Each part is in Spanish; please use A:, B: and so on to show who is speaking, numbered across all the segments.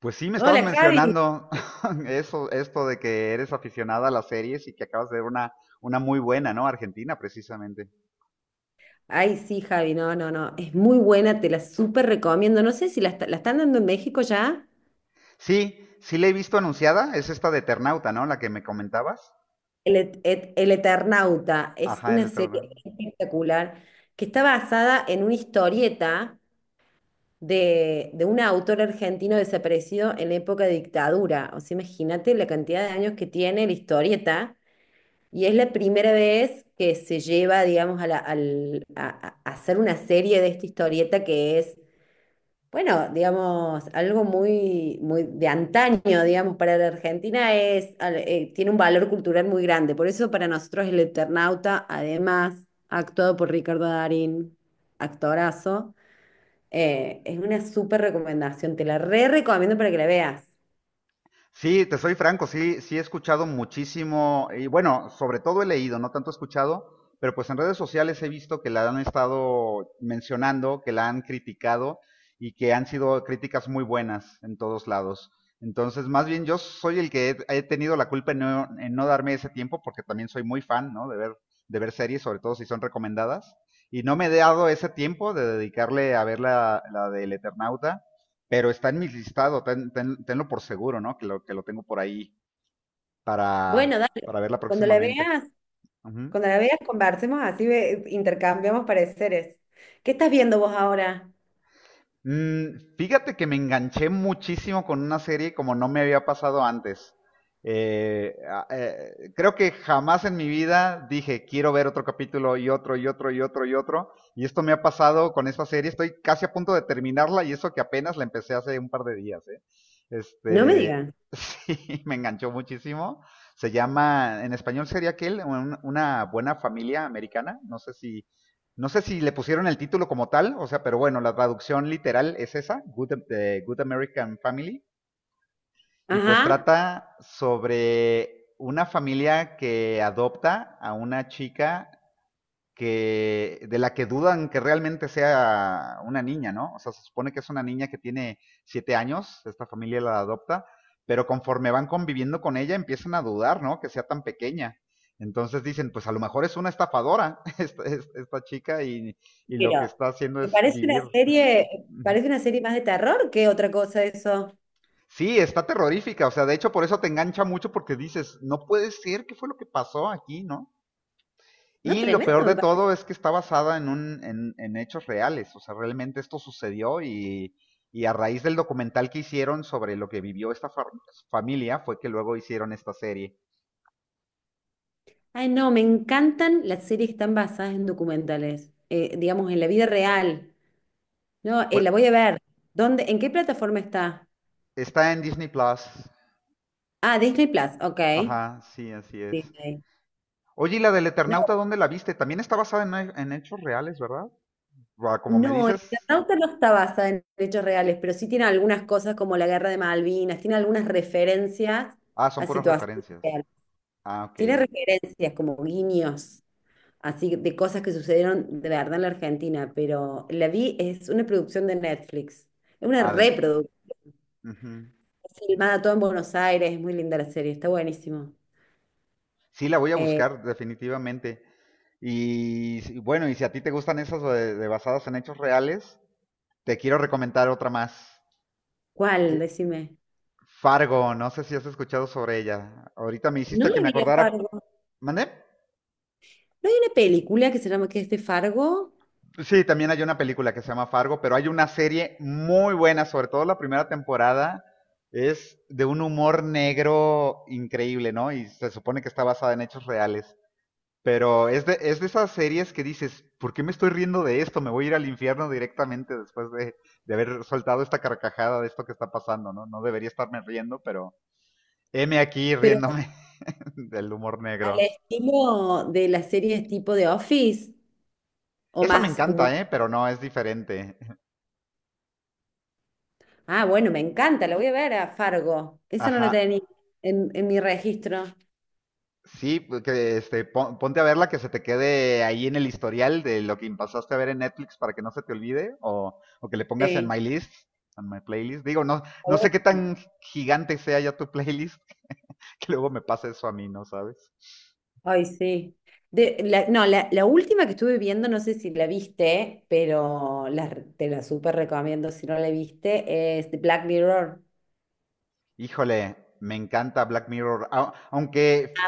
A: Pues sí, me estabas
B: Hola Javi.
A: mencionando eso, esto de que eres aficionada a las series y que acabas de ver una muy buena, ¿no? Argentina, precisamente.
B: Ay, sí, Javi, no, no, no. Es muy buena, te la súper recomiendo. No sé si la están dando en México ya.
A: Sí, sí la he visto anunciada, es esta de Eternauta, ¿no? La que me comentabas.
B: El Eternauta es
A: Ajá, el
B: una serie
A: Eternauta.
B: espectacular que está basada en una historieta de un autor argentino desaparecido en la época de dictadura. O sea, imagínate la cantidad de años que tiene la historieta. Y es la primera vez que se lleva, digamos, a, la- al- a hacer una serie de esta historieta que es. Bueno, digamos, algo muy, muy de antaño, digamos, para la Argentina es, tiene un valor cultural muy grande. Por eso para nosotros el Eternauta, además, actuado por Ricardo Darín, actorazo, es una súper recomendación. Te la re recomiendo para que la veas.
A: Sí, te soy franco, sí, sí he escuchado muchísimo, y bueno, sobre todo he leído, no tanto he escuchado, pero pues en redes sociales he visto que la han estado mencionando, que la han criticado y que han sido críticas muy buenas en todos lados. Entonces, más bien yo soy el que he tenido la culpa en no darme ese tiempo, porque también soy muy fan, ¿no? De ver series, sobre todo si son recomendadas. Y no me he dado ese tiempo de dedicarle a ver la, la del Eternauta, pero está en mi listado, tenlo por seguro, ¿no? Que lo tengo por ahí
B: Bueno, dale,
A: para verla
B: cuando la
A: próximamente.
B: veas,
A: Ujú.
B: cuando la veas, conversemos así, intercambiamos pareceres. ¿Qué estás viendo vos ahora?
A: Fíjate que me enganché muchísimo con una serie como no me había pasado antes. Creo que jamás en mi vida dije, quiero ver otro capítulo y otro y otro y otro y otro. Y esto me ha pasado con esta serie. Estoy casi a punto de terminarla y eso que apenas la empecé hace un par de días, ¿eh?
B: No me
A: Este,
B: digas.
A: sí, me enganchó muchísimo. Se llama, en español sería aquel, una buena familia americana. No sé si le pusieron el título como tal, o sea, pero bueno, la traducción literal es esa, Good, Good American Family, y pues
B: Ajá.
A: trata sobre una familia que adopta a una chica que de la que dudan que realmente sea una niña, ¿no? O sea, se supone que es una niña que tiene siete años, esta familia la adopta, pero conforme van conviviendo con ella empiezan a dudar, ¿no? Que sea tan pequeña. Entonces dicen, pues a lo mejor es una estafadora esta chica y, lo que
B: Pero,
A: está haciendo
B: que
A: es vivir.
B: parece una serie más de terror que otra cosa eso.
A: Sí, está terrorífica, o sea, de hecho por eso te engancha mucho porque dices, no puede ser, ¿qué fue lo que pasó aquí, no?
B: No,
A: Y lo peor
B: tremendo me
A: de
B: parece.
A: todo es que está basada en, un, en hechos reales, o sea, realmente esto sucedió, y a raíz del documental que hicieron sobre lo que vivió esta familia fue que luego hicieron esta serie.
B: Ay, no, me encantan las series que están basadas en documentales, digamos, en la vida real. No,
A: Pues
B: la voy a ver. ¿Dónde, en qué plataforma está?
A: está en Disney Plus.
B: Ah, Disney Plus, ok.
A: Ajá, sí, así es.
B: Disney.
A: Oye, ¿y la del Eternauta
B: No,
A: dónde la viste? También está basada en hechos reales, ¿verdad? Buah, como me
B: no, el
A: dices,
B: Eternauta no está basada en hechos reales, pero sí tiene algunas cosas como la guerra de Malvinas, tiene algunas referencias
A: ah, son
B: a
A: puras
B: situaciones
A: referencias.
B: reales.
A: Ah, ok.
B: Tiene referencias como guiños. Así de cosas que sucedieron de verdad en la Argentina, pero la vi, es una producción de Netflix, es una
A: Ah, de...
B: reproducción,
A: ujú.
B: es filmada todo en Buenos Aires, es muy linda la serie, está buenísimo.
A: Sí, la voy a
B: Eh,
A: buscar definitivamente. Y bueno, y si a ti te gustan esas de basadas en hechos reales, te quiero recomendar otra más. Que,
B: ¿Cuál? Decime.
A: Fargo, no sé si has escuchado sobre ella. Ahorita me
B: No
A: hiciste que
B: le
A: me
B: vi a
A: acordara.
B: Fargo. No
A: ¿Mandé?
B: hay una película que se llama que es de Fargo,
A: Sí, también hay una película que se llama Fargo, pero hay una serie muy buena, sobre todo la primera temporada. Es de un humor negro increíble, ¿no? Y se supone que está basada en hechos reales. Pero es de esas series que dices, ¿por qué me estoy riendo de esto? Me voy a ir al infierno directamente después de haber soltado esta carcajada de esto que está pasando, ¿no? No debería estarme riendo, pero heme aquí
B: pero
A: riéndome del humor
B: al
A: negro.
B: estilo de las series tipo de Office o
A: Esa me
B: más humor.
A: encanta, ¿eh? Pero no, es diferente.
B: Ah, bueno, me encanta, la voy a ver a Fargo. Esa no
A: Ajá.
B: la tenía en mi registro.
A: Sí, pues, que este, ponte a verla que se te quede ahí en el historial de lo que pasaste a ver en Netflix para que no se te olvide o que le pongas en
B: Sí.
A: my list, en my playlist. Digo, no,
B: Está
A: no sé qué
B: bueno.
A: tan gigante sea ya tu playlist, que luego me pasa eso a mí, ¿no sabes?
B: Ay, sí. No, la última que estuve viendo, no sé si la viste, pero la te la súper recomiendo si no la viste, es de Black Mirror.
A: Híjole, me encanta Black Mirror, aunque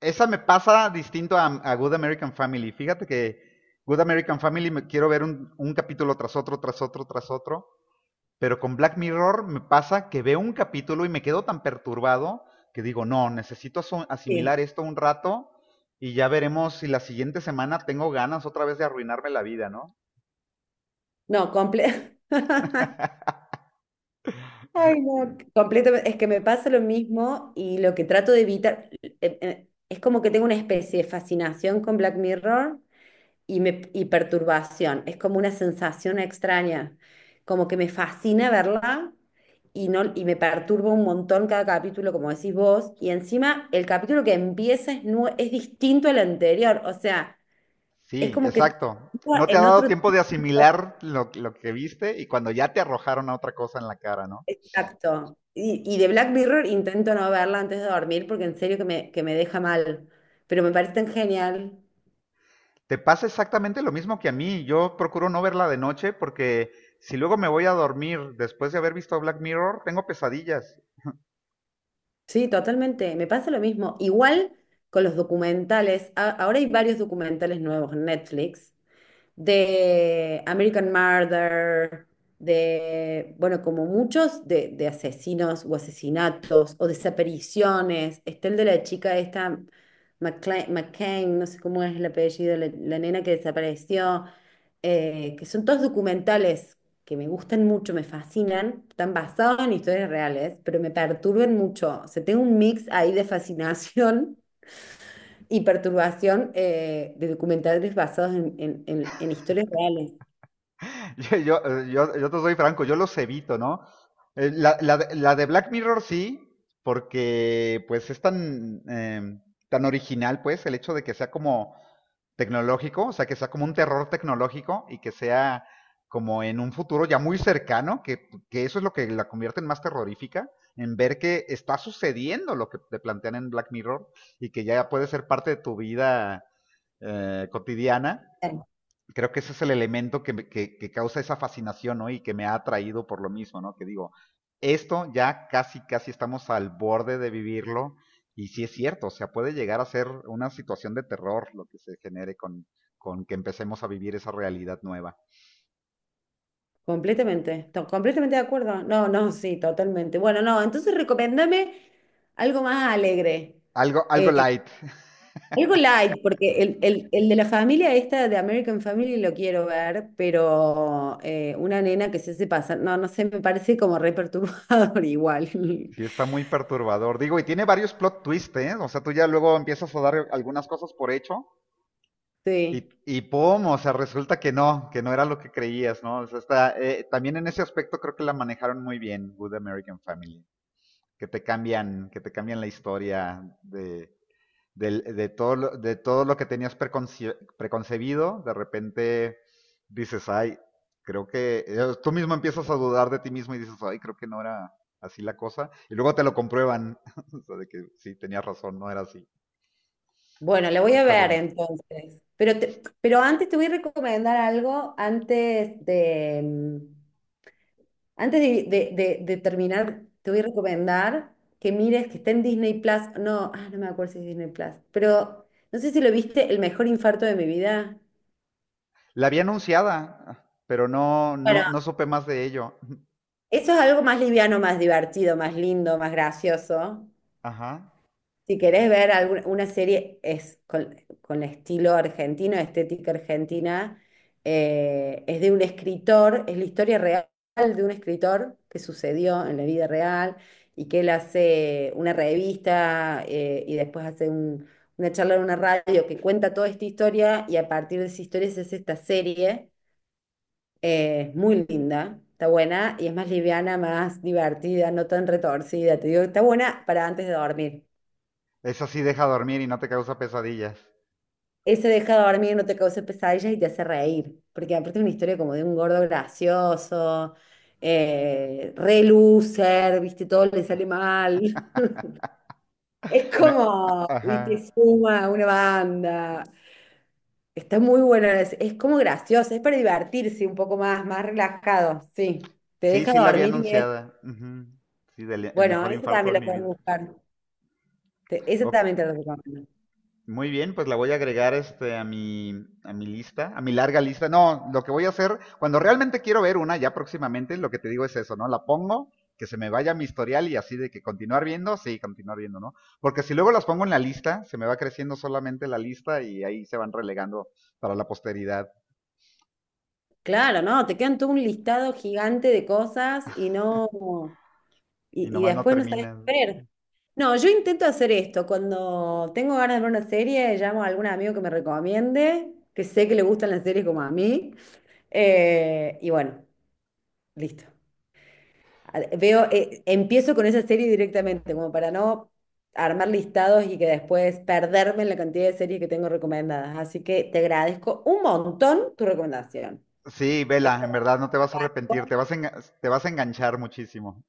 A: esa me pasa distinto a Good American Family. Fíjate que Good American Family me quiero ver un capítulo tras otro, tras otro, tras otro, pero con Black Mirror me pasa que veo un capítulo y me quedo tan perturbado que digo, no, necesito
B: Sí.
A: asimilar esto un rato y ya veremos si la siguiente semana tengo ganas otra vez de arruinarme la vida, ¿no?
B: No, comple Ay, no, completamente. Es que me pasa lo mismo y lo que trato de evitar, es como que tengo una especie de fascinación con Black Mirror y, y perturbación. Es como una sensación extraña, como que me fascina verla y, no, y me perturba un montón cada capítulo, como decís vos, y encima el capítulo que empieza es, es distinto al anterior, o sea, es
A: Sí,
B: como que te
A: exacto.
B: sitúa
A: No te ha
B: en
A: dado
B: otro
A: tiempo de
B: tipo
A: asimilar lo que viste y cuando ya te arrojaron a otra cosa en la cara, ¿no?
B: de acto. Y de Black Mirror intento no verla antes de dormir porque en serio que que me deja mal, pero me parece tan genial.
A: Te pasa exactamente lo mismo que a mí. Yo procuro no verla de noche porque si luego me voy a dormir después de haber visto Black Mirror, tengo pesadillas.
B: Sí, totalmente. Me pasa lo mismo. Igual con los documentales. Ahora hay varios documentales nuevos en Netflix de American Murder, de, bueno, como muchos, de asesinos o asesinatos o desapariciones. Está el de la chica esta, McCain, no sé cómo es el apellido, la nena que desapareció, que son todos documentales que me gustan mucho, me fascinan, están basados en historias reales, pero me perturban mucho. O sea, tengo un mix ahí de fascinación y perturbación, de documentales basados en, en historias reales.
A: Yo te soy franco, yo los evito, ¿no? La, la de Black Mirror sí, porque pues es tan, tan original, pues, el hecho de que sea como tecnológico, o sea, que sea como un terror tecnológico y que sea como en un futuro ya muy cercano, que eso es lo que la convierte en más terrorífica, en ver que está sucediendo lo que te plantean en Black Mirror y que ya puede ser parte de tu vida cotidiana,
B: Claro.
A: creo que ese es el elemento que, que causa esa fascinación, ¿no? Y que me ha atraído por lo mismo, ¿no? Que digo, esto ya casi, casi estamos al borde de vivirlo. Y sí es cierto, o sea, puede llegar a ser una situación de terror lo que se genere con que empecemos a vivir esa realidad nueva.
B: Completamente, completamente de acuerdo. No, no, sí, totalmente. Bueno, no, entonces recomiéndame algo más alegre,
A: Algo, algo
B: eh,
A: light.
B: algo light, porque el de la familia esta de American Family lo quiero ver, pero una nena que se hace pasar, no, no sé, me parece como re perturbador igual.
A: Sí, está muy perturbador. Digo, y tiene varios plot twists, ¿eh? O sea, tú ya luego empiezas a dar algunas cosas por hecho.
B: Sí.
A: Y pum, o sea, resulta que no era lo que creías, ¿no? O sea, está, también en ese aspecto creo que la manejaron muy bien, Good American Family, que te cambian la historia de, de todo, de todo lo que tenías preconcebido, de repente dices, ay, creo que tú mismo empiezas a dudar de ti mismo y dices, ay, creo que no era así la cosa, y luego te lo comprueban, o sea, de que sí, tenías razón, no era así.
B: Bueno, le
A: Está,
B: voy a
A: está
B: ver
A: bueno.
B: entonces. Pero, pero antes te voy a recomendar algo antes de, de terminar, te voy a recomendar que mires, que está en Disney Plus. No, ah, no me acuerdo si es Disney Plus, pero no sé si lo viste, El mejor infarto de mi vida.
A: La había anunciada, pero no,
B: Bueno,
A: no, no supe más de ello.
B: eso es algo más liviano, más divertido, más lindo, más gracioso.
A: Ajá.
B: Si querés ver alguna, una serie es con estilo argentino, estética argentina, es de un escritor, es la historia real de un escritor que sucedió en la vida real y que él hace una revista, y después hace una charla en una radio que cuenta toda esta historia y a partir de esa historia se hace esta serie, muy linda. Está buena y es más liviana, más divertida, no tan retorcida. Te digo, está buena para antes de dormir.
A: Esa sí deja dormir y no te causa pesadillas.
B: Ese deja dormir, no te causa pesadillas y te hace reír, porque aparte es una historia como de un gordo gracioso, re loser, viste, todo le sale mal. Es
A: Me-
B: como, viste,
A: Ajá.
B: suma una banda. Está muy buena, es como gracioso, es para divertirse un poco más, más relajado, sí. Te
A: Sí,
B: deja
A: sí la había
B: dormir y es,
A: anunciada. Ujú. Sí, el
B: bueno,
A: mejor
B: ese
A: infarto
B: también
A: de
B: lo
A: mi
B: puedes
A: vida.
B: buscar. Ese
A: Ok,
B: también te lo recomiendo.
A: muy bien, pues la voy a agregar este a mi lista, a mi larga lista. No, lo que voy a hacer cuando realmente quiero ver una ya próximamente, lo que te digo es eso, ¿no? La pongo que se me vaya a mi historial y así de que continuar viendo, sí, continuar viendo, ¿no? Porque si luego las pongo en la lista, se me va creciendo solamente la lista y ahí se van relegando para la posteridad
B: Claro, no, te quedan todo un listado gigante de cosas y no,
A: y
B: y
A: nomás no
B: después no sabes qué
A: terminan.
B: ver. No, yo intento hacer esto. Cuando tengo ganas de ver una serie, llamo a algún amigo que me recomiende, que sé que le gustan las series como a mí, y bueno, listo. Veo, empiezo con esa serie directamente, como para no armar listados y que después perderme en la cantidad de series que tengo recomendadas. Así que te agradezco un montón tu recomendación.
A: Sí, vela, en verdad no te vas a arrepentir, te vas a, te vas a enganchar muchísimo.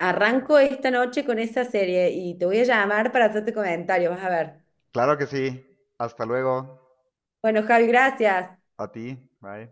B: Arranco esta noche con esa serie y te voy a llamar para hacerte comentario, vas a ver.
A: Claro que sí. Hasta luego.
B: Bueno, Javi, gracias.
A: A ti. Bye.